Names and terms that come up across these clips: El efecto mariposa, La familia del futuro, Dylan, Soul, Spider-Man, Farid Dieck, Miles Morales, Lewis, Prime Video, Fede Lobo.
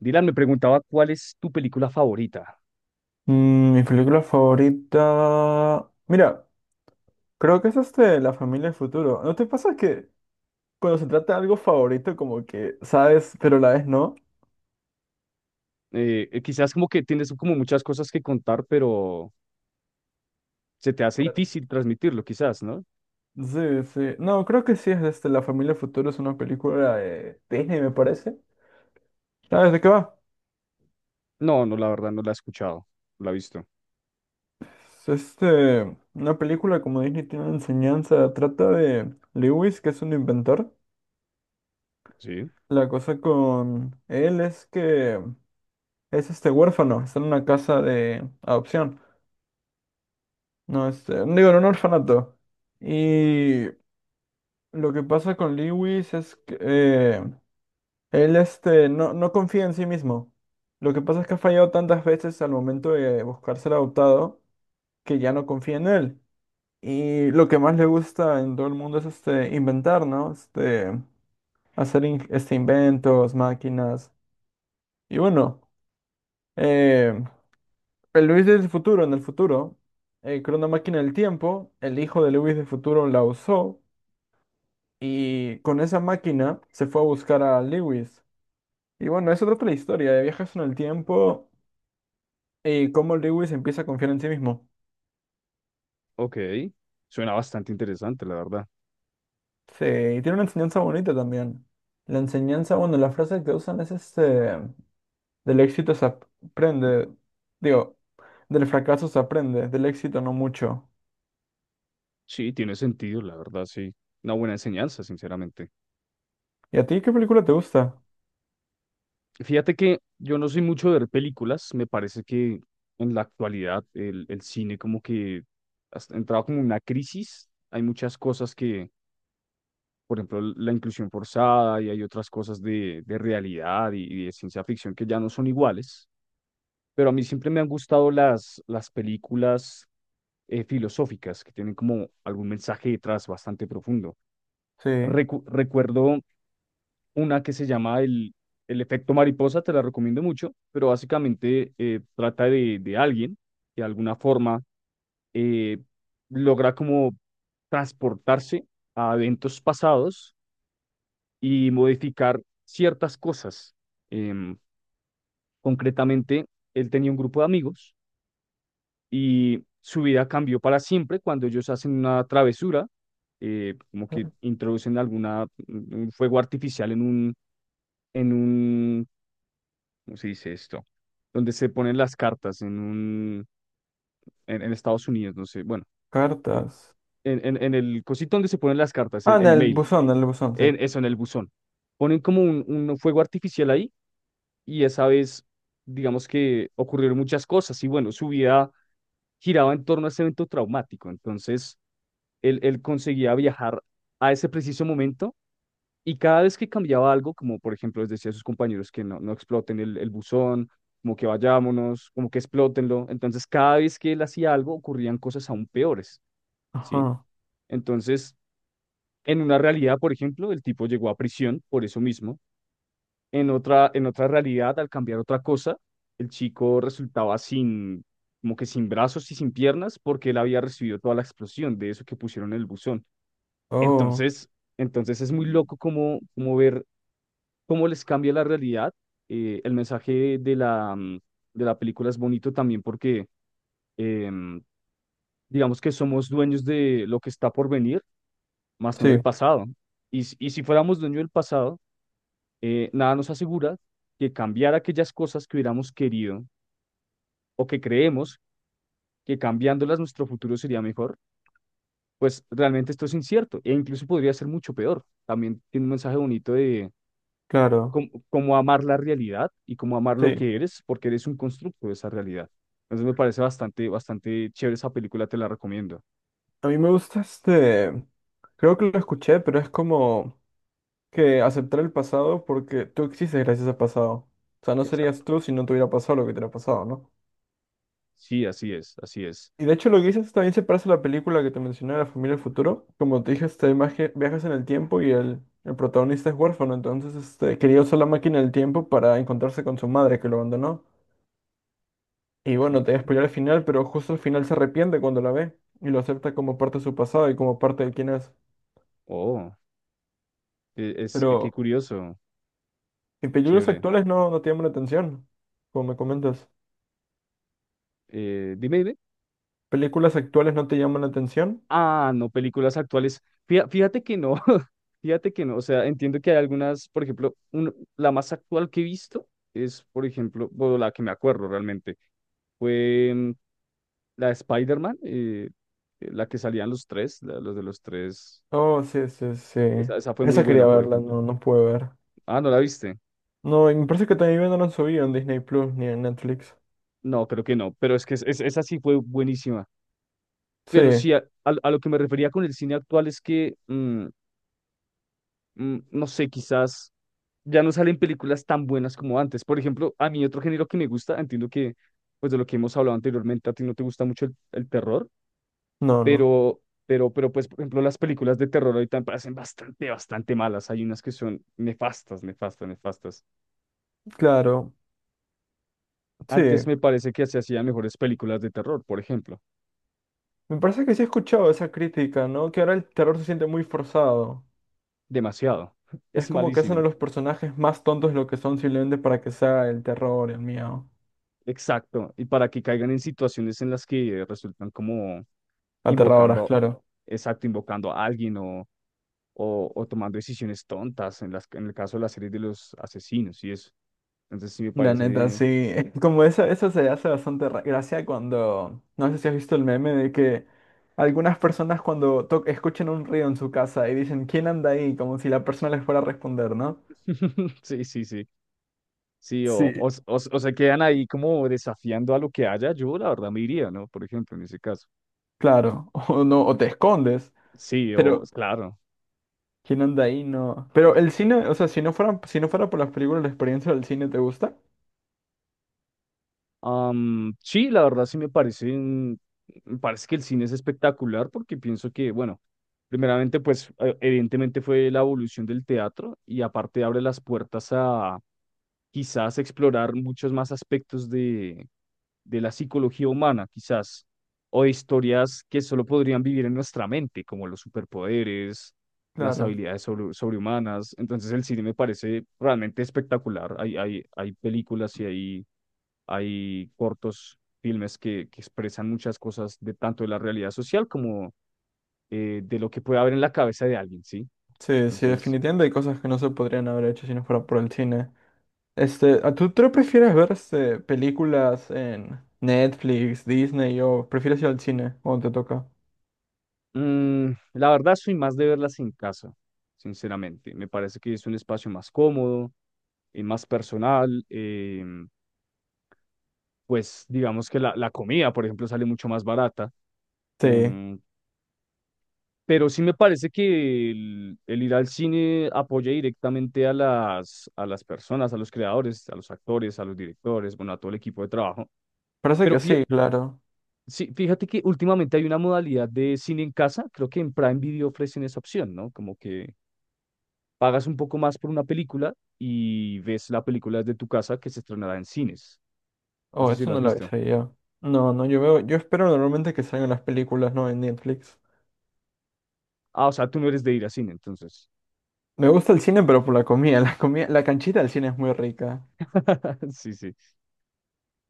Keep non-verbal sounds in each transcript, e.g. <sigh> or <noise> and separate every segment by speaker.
Speaker 1: Dylan me preguntaba cuál es tu película favorita.
Speaker 2: Mm, mi película favorita. Mira, creo que es La familia del futuro. ¿No te pasa que cuando se trata de algo favorito, como que sabes, pero a la vez no?
Speaker 1: Quizás como que tienes como muchas cosas que contar, pero se te hace
Speaker 2: Claro.
Speaker 1: difícil transmitirlo, quizás, ¿no?
Speaker 2: Sí, sí. No, creo que sí es La familia del futuro, es una película de Disney, me parece. ¿Sabes de qué va?
Speaker 1: No, la verdad no la he escuchado, no la he visto.
Speaker 2: Es una película como Disney tiene una enseñanza, trata de Lewis, que es un inventor.
Speaker 1: Sí,
Speaker 2: La cosa con él es que es huérfano, está en una casa de adopción. No, digo, en un orfanato. Y lo que pasa con Lewis es que él, no, no confía en sí mismo. Lo que pasa es que ha fallado tantas veces al momento de buscar ser adoptado que ya no confía en él. Y lo que más le gusta en todo el mundo es inventar, ¿no? Hacer inventos, máquinas. Y bueno, eh, el Lewis del futuro, en el futuro, creó una máquina del tiempo. El hijo de Lewis del futuro la usó. Y con esa máquina se fue a buscar a Lewis. Y bueno, es otra la historia de viajes en el tiempo y cómo Lewis empieza a confiar en sí mismo.
Speaker 1: ok. Suena bastante interesante, la verdad.
Speaker 2: Sí, y tiene una enseñanza bonita también. La enseñanza, bueno, la frase que usan es del éxito se aprende, digo, del fracaso se aprende, del éxito no mucho.
Speaker 1: Sí, tiene sentido, la verdad, sí. Una buena enseñanza, sinceramente.
Speaker 2: ¿Y a ti qué película te gusta?
Speaker 1: Fíjate que yo no soy mucho de ver películas, me parece que en la actualidad el cine como que ha entrado como en una crisis, hay muchas cosas que por ejemplo, la inclusión forzada y hay otras cosas de realidad y de ciencia ficción que ya no son iguales, pero a mí siempre me han gustado las películas filosóficas que tienen como algún mensaje detrás bastante profundo.
Speaker 2: Sí,
Speaker 1: Recuerdo una que se llama El efecto mariposa, te la recomiendo mucho, pero básicamente trata de alguien que de alguna forma eh, logra como transportarse a eventos pasados y modificar ciertas cosas. Em, Concretamente, él tenía un grupo de amigos y su vida cambió para siempre cuando ellos hacen una travesura, como que introducen alguna, un fuego artificial en un, ¿cómo se dice esto? Donde se ponen las cartas en Estados Unidos, no sé, bueno, eh,
Speaker 2: cartas.
Speaker 1: en el cosito donde se ponen las cartas,
Speaker 2: Ah,
Speaker 1: el mail,
Speaker 2: en el buzón, sí.
Speaker 1: en eso, en el buzón. Ponen como un fuego artificial ahí y esa vez, digamos que ocurrieron muchas cosas y bueno, su vida giraba en torno a ese evento traumático, entonces él conseguía viajar a ese preciso momento y cada vez que cambiaba algo, como por ejemplo les decía a sus compañeros que no, no exploten el buzón, como que vayámonos, como que explótenlo, entonces cada vez que él hacía algo ocurrían cosas aún peores, ¿sí?
Speaker 2: Ajá.
Speaker 1: Entonces, en una realidad, por ejemplo, el tipo llegó a prisión por eso mismo. En otra realidad, al cambiar otra cosa, el chico resultaba sin, como que sin brazos y sin piernas porque él había recibido toda la explosión de eso que pusieron en el buzón.
Speaker 2: Oh,
Speaker 1: Entonces, entonces es muy loco como, como ver cómo les cambia la realidad. El mensaje de de la película es bonito también porque em, digamos que somos dueños de lo que está por venir, más no del
Speaker 2: sí,
Speaker 1: pasado. Y, y si fuéramos dueños del pasado, nada nos asegura que cambiar aquellas cosas que hubiéramos querido o que creemos que cambiándolas nuestro futuro sería mejor, pues realmente esto es incierto e incluso podría ser mucho peor. También tiene un mensaje bonito de
Speaker 2: claro.
Speaker 1: cómo, cómo amar la realidad y cómo amar lo
Speaker 2: Sí,
Speaker 1: que eres, porque eres un constructo de esa realidad. Entonces me parece bastante, bastante chévere esa película, te la recomiendo.
Speaker 2: a mí me gusta creo que lo escuché, pero es como que aceptar el pasado porque tú existes gracias al pasado. O sea, no
Speaker 1: Exacto.
Speaker 2: serías tú si no te hubiera pasado lo que te hubiera pasado, ¿no?
Speaker 1: Sí, así es, así es.
Speaker 2: Y de hecho lo que dices también se parece a la película que te mencioné, La familia del futuro. Como te dije, viajas en el tiempo y el protagonista es huérfano, entonces quería usar la máquina del tiempo para encontrarse con su madre que lo abandonó. Y bueno, te voy a
Speaker 1: Okay.
Speaker 2: spoiler al final, pero justo al final se arrepiente cuando la ve y lo acepta como parte de su pasado y como parte de quién es.
Speaker 1: Oh, es, qué
Speaker 2: Pero
Speaker 1: curioso,
Speaker 2: Y películas
Speaker 1: chévere.
Speaker 2: actuales no, no te llaman la atención, como me comentas.
Speaker 1: Dime, dime.
Speaker 2: ¿Películas actuales no te llaman la atención?
Speaker 1: Ah, no, películas actuales. Fíjate que no, <laughs> fíjate que no. O sea, entiendo que hay algunas, por ejemplo, la más actual que he visto es, por ejemplo, bueno, la que me acuerdo realmente, fue la de Spider-Man, la que salían los tres, los de los tres.
Speaker 2: Oh, sí, sí, sí.
Speaker 1: Esa fue muy
Speaker 2: Esa
Speaker 1: buena,
Speaker 2: quería
Speaker 1: por
Speaker 2: verla,
Speaker 1: ejemplo.
Speaker 2: no, no pude ver.
Speaker 1: Ah, ¿no la viste?
Speaker 2: No, y me parece que también no la han subido en Disney Plus ni en Netflix.
Speaker 1: No, creo que no, pero es que esa sí fue buenísima.
Speaker 2: Sí,
Speaker 1: Pero sí, a lo que me refería con el cine actual es que, no sé, quizás ya no salen películas tan buenas como antes. Por ejemplo, a mí otro género que me gusta, entiendo que, pues de lo que hemos hablado anteriormente, a ti no te gusta mucho el terror,
Speaker 2: no, no.
Speaker 1: pero, pero, pues, por ejemplo, las películas de terror ahorita me parecen bastante, bastante malas. Hay unas que son nefastas, nefastas, nefastas.
Speaker 2: Claro, sí.
Speaker 1: Antes me parece que se hacían mejores películas de terror, por ejemplo.
Speaker 2: Me parece que sí he escuchado esa crítica, ¿no? Que ahora el terror se siente muy forzado.
Speaker 1: Demasiado. <laughs>
Speaker 2: Es
Speaker 1: Es
Speaker 2: como que hacen a
Speaker 1: malísimo.
Speaker 2: los personajes más tontos de lo que son simplemente para que sea el terror, el miedo.
Speaker 1: Exacto. Y para que caigan en situaciones en las que resultan como
Speaker 2: Aterradoras,
Speaker 1: invocando,
Speaker 2: claro.
Speaker 1: exacto, invocando a alguien o o tomando decisiones tontas en las, en el caso de la serie de los asesinos y eso. Entonces sí me
Speaker 2: La neta,
Speaker 1: parece,
Speaker 2: sí. <laughs> Como eso se hace bastante gracia cuando. No sé si has visto el meme de que algunas personas cuando escuchan un ruido en su casa y dicen, ¿quién anda ahí? Como si la persona les fuera a responder, ¿no?
Speaker 1: <laughs> sí, sí, sí, sí,
Speaker 2: Sí.
Speaker 1: o se quedan ahí como desafiando a lo que haya, yo la verdad me iría, ¿no? Por ejemplo, en ese caso.
Speaker 2: Claro. <laughs> O no, o te escondes.
Speaker 1: Sí, o
Speaker 2: Pero,
Speaker 1: claro.
Speaker 2: ¿quién anda ahí? No. Pero el cine, o sea, si no fuera por las películas, ¿la experiencia del cine te gusta?
Speaker 1: Sí, la verdad sí me parece, me parece que el cine es espectacular porque pienso que, bueno, primeramente pues evidentemente fue la evolución del teatro y aparte abre las puertas a quizás explorar muchos más aspectos de la psicología humana, quizás, o de historias que solo podrían vivir en nuestra mente, como los superpoderes, las
Speaker 2: Claro.
Speaker 1: habilidades sobrehumanas. Entonces el cine me parece realmente espectacular. Hay películas y hay cortos filmes que expresan muchas cosas de tanto de la realidad social como de lo que puede haber en la cabeza de alguien, ¿sí?
Speaker 2: Sí, sí,
Speaker 1: Entonces,
Speaker 2: definitivamente hay cosas que no se podrían haber hecho si no fuera por el cine. Este, ¿a ¿Tú prefieres ver películas en Netflix, Disney o prefieres ir al cine cuando te toca?
Speaker 1: la verdad soy más de verlas en casa, sinceramente. Me parece que es un espacio más cómodo más personal. Pues digamos que la comida, por ejemplo, sale mucho más barata.
Speaker 2: Sí,
Speaker 1: em, pero sí me parece que el ir al cine apoya directamente a a las personas, a los creadores, a los actores, a los directores, bueno, a todo el equipo de trabajo.
Speaker 2: parece
Speaker 1: Pero
Speaker 2: que
Speaker 1: fí-
Speaker 2: sí, claro.
Speaker 1: sí, fíjate que últimamente hay una modalidad de cine en casa, creo que en Prime Video ofrecen esa opción, ¿no? Como que pagas un poco más por una película y ves la película desde tu casa que se estrenará en cines. No
Speaker 2: Oh,
Speaker 1: sé si
Speaker 2: eso
Speaker 1: lo has
Speaker 2: no lo
Speaker 1: visto.
Speaker 2: avisé yo. No, no, yo veo, yo espero normalmente que salgan las películas, ¿no? En Netflix.
Speaker 1: Ah, o sea, tú no eres de ir a cine, entonces.
Speaker 2: Me gusta el cine, pero por la comida, <laughs> la comida, la canchita del cine es muy rica.
Speaker 1: <laughs> Sí, sí.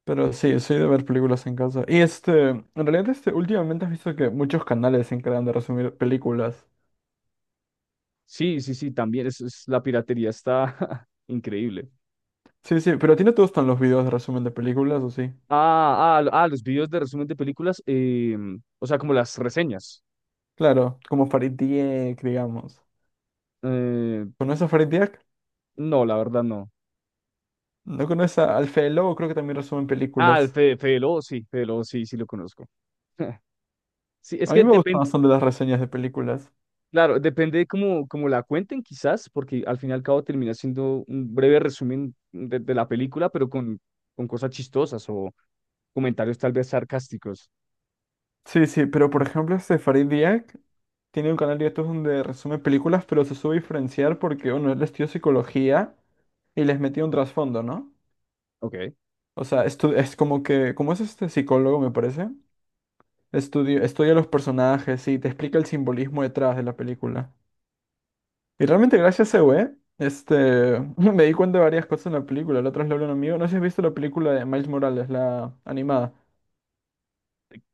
Speaker 2: Pero
Speaker 1: Sí,
Speaker 2: sí, soy de ver películas en casa. Y en realidad últimamente has visto que muchos canales se encargan de resumir películas.
Speaker 1: sí, sí, sí, también. Es, la piratería está <laughs> increíble.
Speaker 2: Sí, sí, pero ¿a ti no te gustan los videos de resumen de películas o sí?
Speaker 1: Los videos de resumen de películas, o sea, como las reseñas.
Speaker 2: Claro, como Farid Dieck, digamos.
Speaker 1: Eh,
Speaker 2: ¿Conoces a Farid Dieck?
Speaker 1: no, la verdad no.
Speaker 2: ¿No conoces al Fede Lobo? Creo que también resumen
Speaker 1: Ah, el
Speaker 2: películas.
Speaker 1: Fede, Fede Lobo, sí, sí lo conozco. <laughs> Sí, es
Speaker 2: A mí
Speaker 1: que
Speaker 2: me gustan
Speaker 1: depende,
Speaker 2: bastante las reseñas de películas.
Speaker 1: claro, depende de cómo, cómo la cuenten quizás, porque al fin y al cabo termina siendo un breve resumen de la película, pero con cosas chistosas o comentarios tal vez sarcásticos.
Speaker 2: Sí, sí, pero por ejemplo, este Farid Diak tiene un canal de YouTube donde resume películas, pero se sube diferenciar porque, bueno, él estudió psicología y les metió un trasfondo, ¿no?
Speaker 1: Ok.
Speaker 2: O sea, es como que, como es este psicólogo, me parece, estudia, estudia los personajes y te explica el simbolismo detrás de la película. Y realmente gracias a ese güey, <laughs> me di cuenta de varias cosas en la película. La otra vez le hablé a un amigo. No sé si has visto la película de Miles Morales, la animada.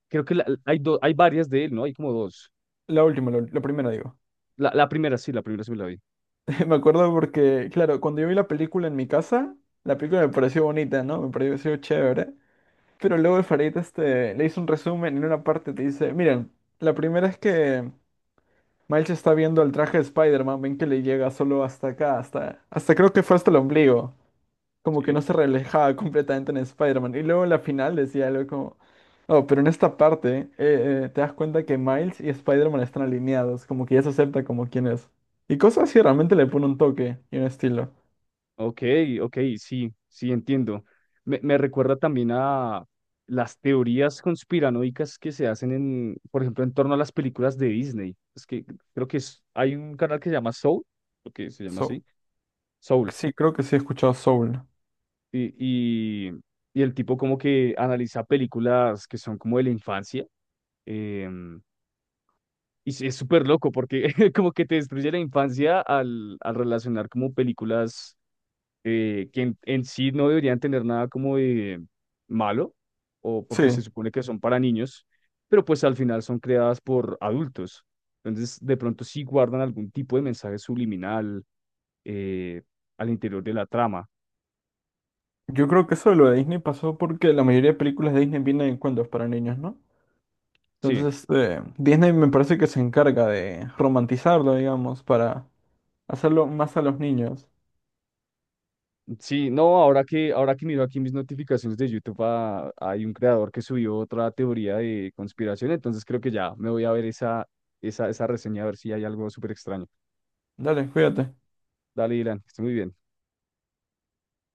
Speaker 1: Creo que hay, hay varias de él, ¿no? Hay como dos.
Speaker 2: La última, la primera digo.
Speaker 1: La primera sí, la primera sí me la vi.
Speaker 2: <laughs> Me acuerdo porque, claro, cuando yo vi la película en mi casa, la película me pareció bonita, ¿no? Me pareció chévere. Pero luego el Farid, le hizo un resumen y en una parte te dice, miren, la primera es que Miles está viendo el traje de Spider-Man, ven que le llega solo hasta acá, hasta, creo que fue hasta el ombligo. Como que
Speaker 1: Sí.
Speaker 2: no se reflejaba <laughs> completamente en Spider-Man. Y luego en la final decía algo como, oh, pero en esta parte te das cuenta que Miles y Spider-Man están alineados, como que ya se acepta como quien es. Y cosas así realmente le pone un toque y un estilo.
Speaker 1: Ok, ok, sí, sí, entiendo. Me recuerda también a las teorías conspiranoicas que se hacen en, por ejemplo, en torno a las películas de Disney. Es que creo que hay un canal que se llama Soul, lo que se llama
Speaker 2: So,
Speaker 1: así, Soul.
Speaker 2: sí, creo que sí he escuchado Soul.
Speaker 1: Y, y, y el tipo como que analiza películas que son como de la infancia. em, Y sí, es súper loco porque <laughs> como que te destruye la infancia al, al relacionar como películas que en sí no deberían tener nada como de malo o porque
Speaker 2: Sí,
Speaker 1: se supone que son para niños, pero pues al final son creadas por adultos. Entonces de pronto sí guardan algún tipo de mensaje subliminal eh, al interior de la trama.
Speaker 2: yo creo que eso de lo de Disney pasó porque la mayoría de películas de Disney vienen en cuentos para niños, ¿no?
Speaker 1: Sí.
Speaker 2: Entonces, Disney me parece que se encarga de romantizarlo, digamos, para hacerlo más a los niños.
Speaker 1: Sí, no, ahora que miro aquí mis notificaciones de YouTube, ah, hay un creador que subió otra teoría de conspiración, entonces creo que ya me voy a ver esa, esa, esa reseña a ver si hay algo súper extraño.
Speaker 2: Dale, cuídate.
Speaker 1: Dale, Dylan, que esté muy bien.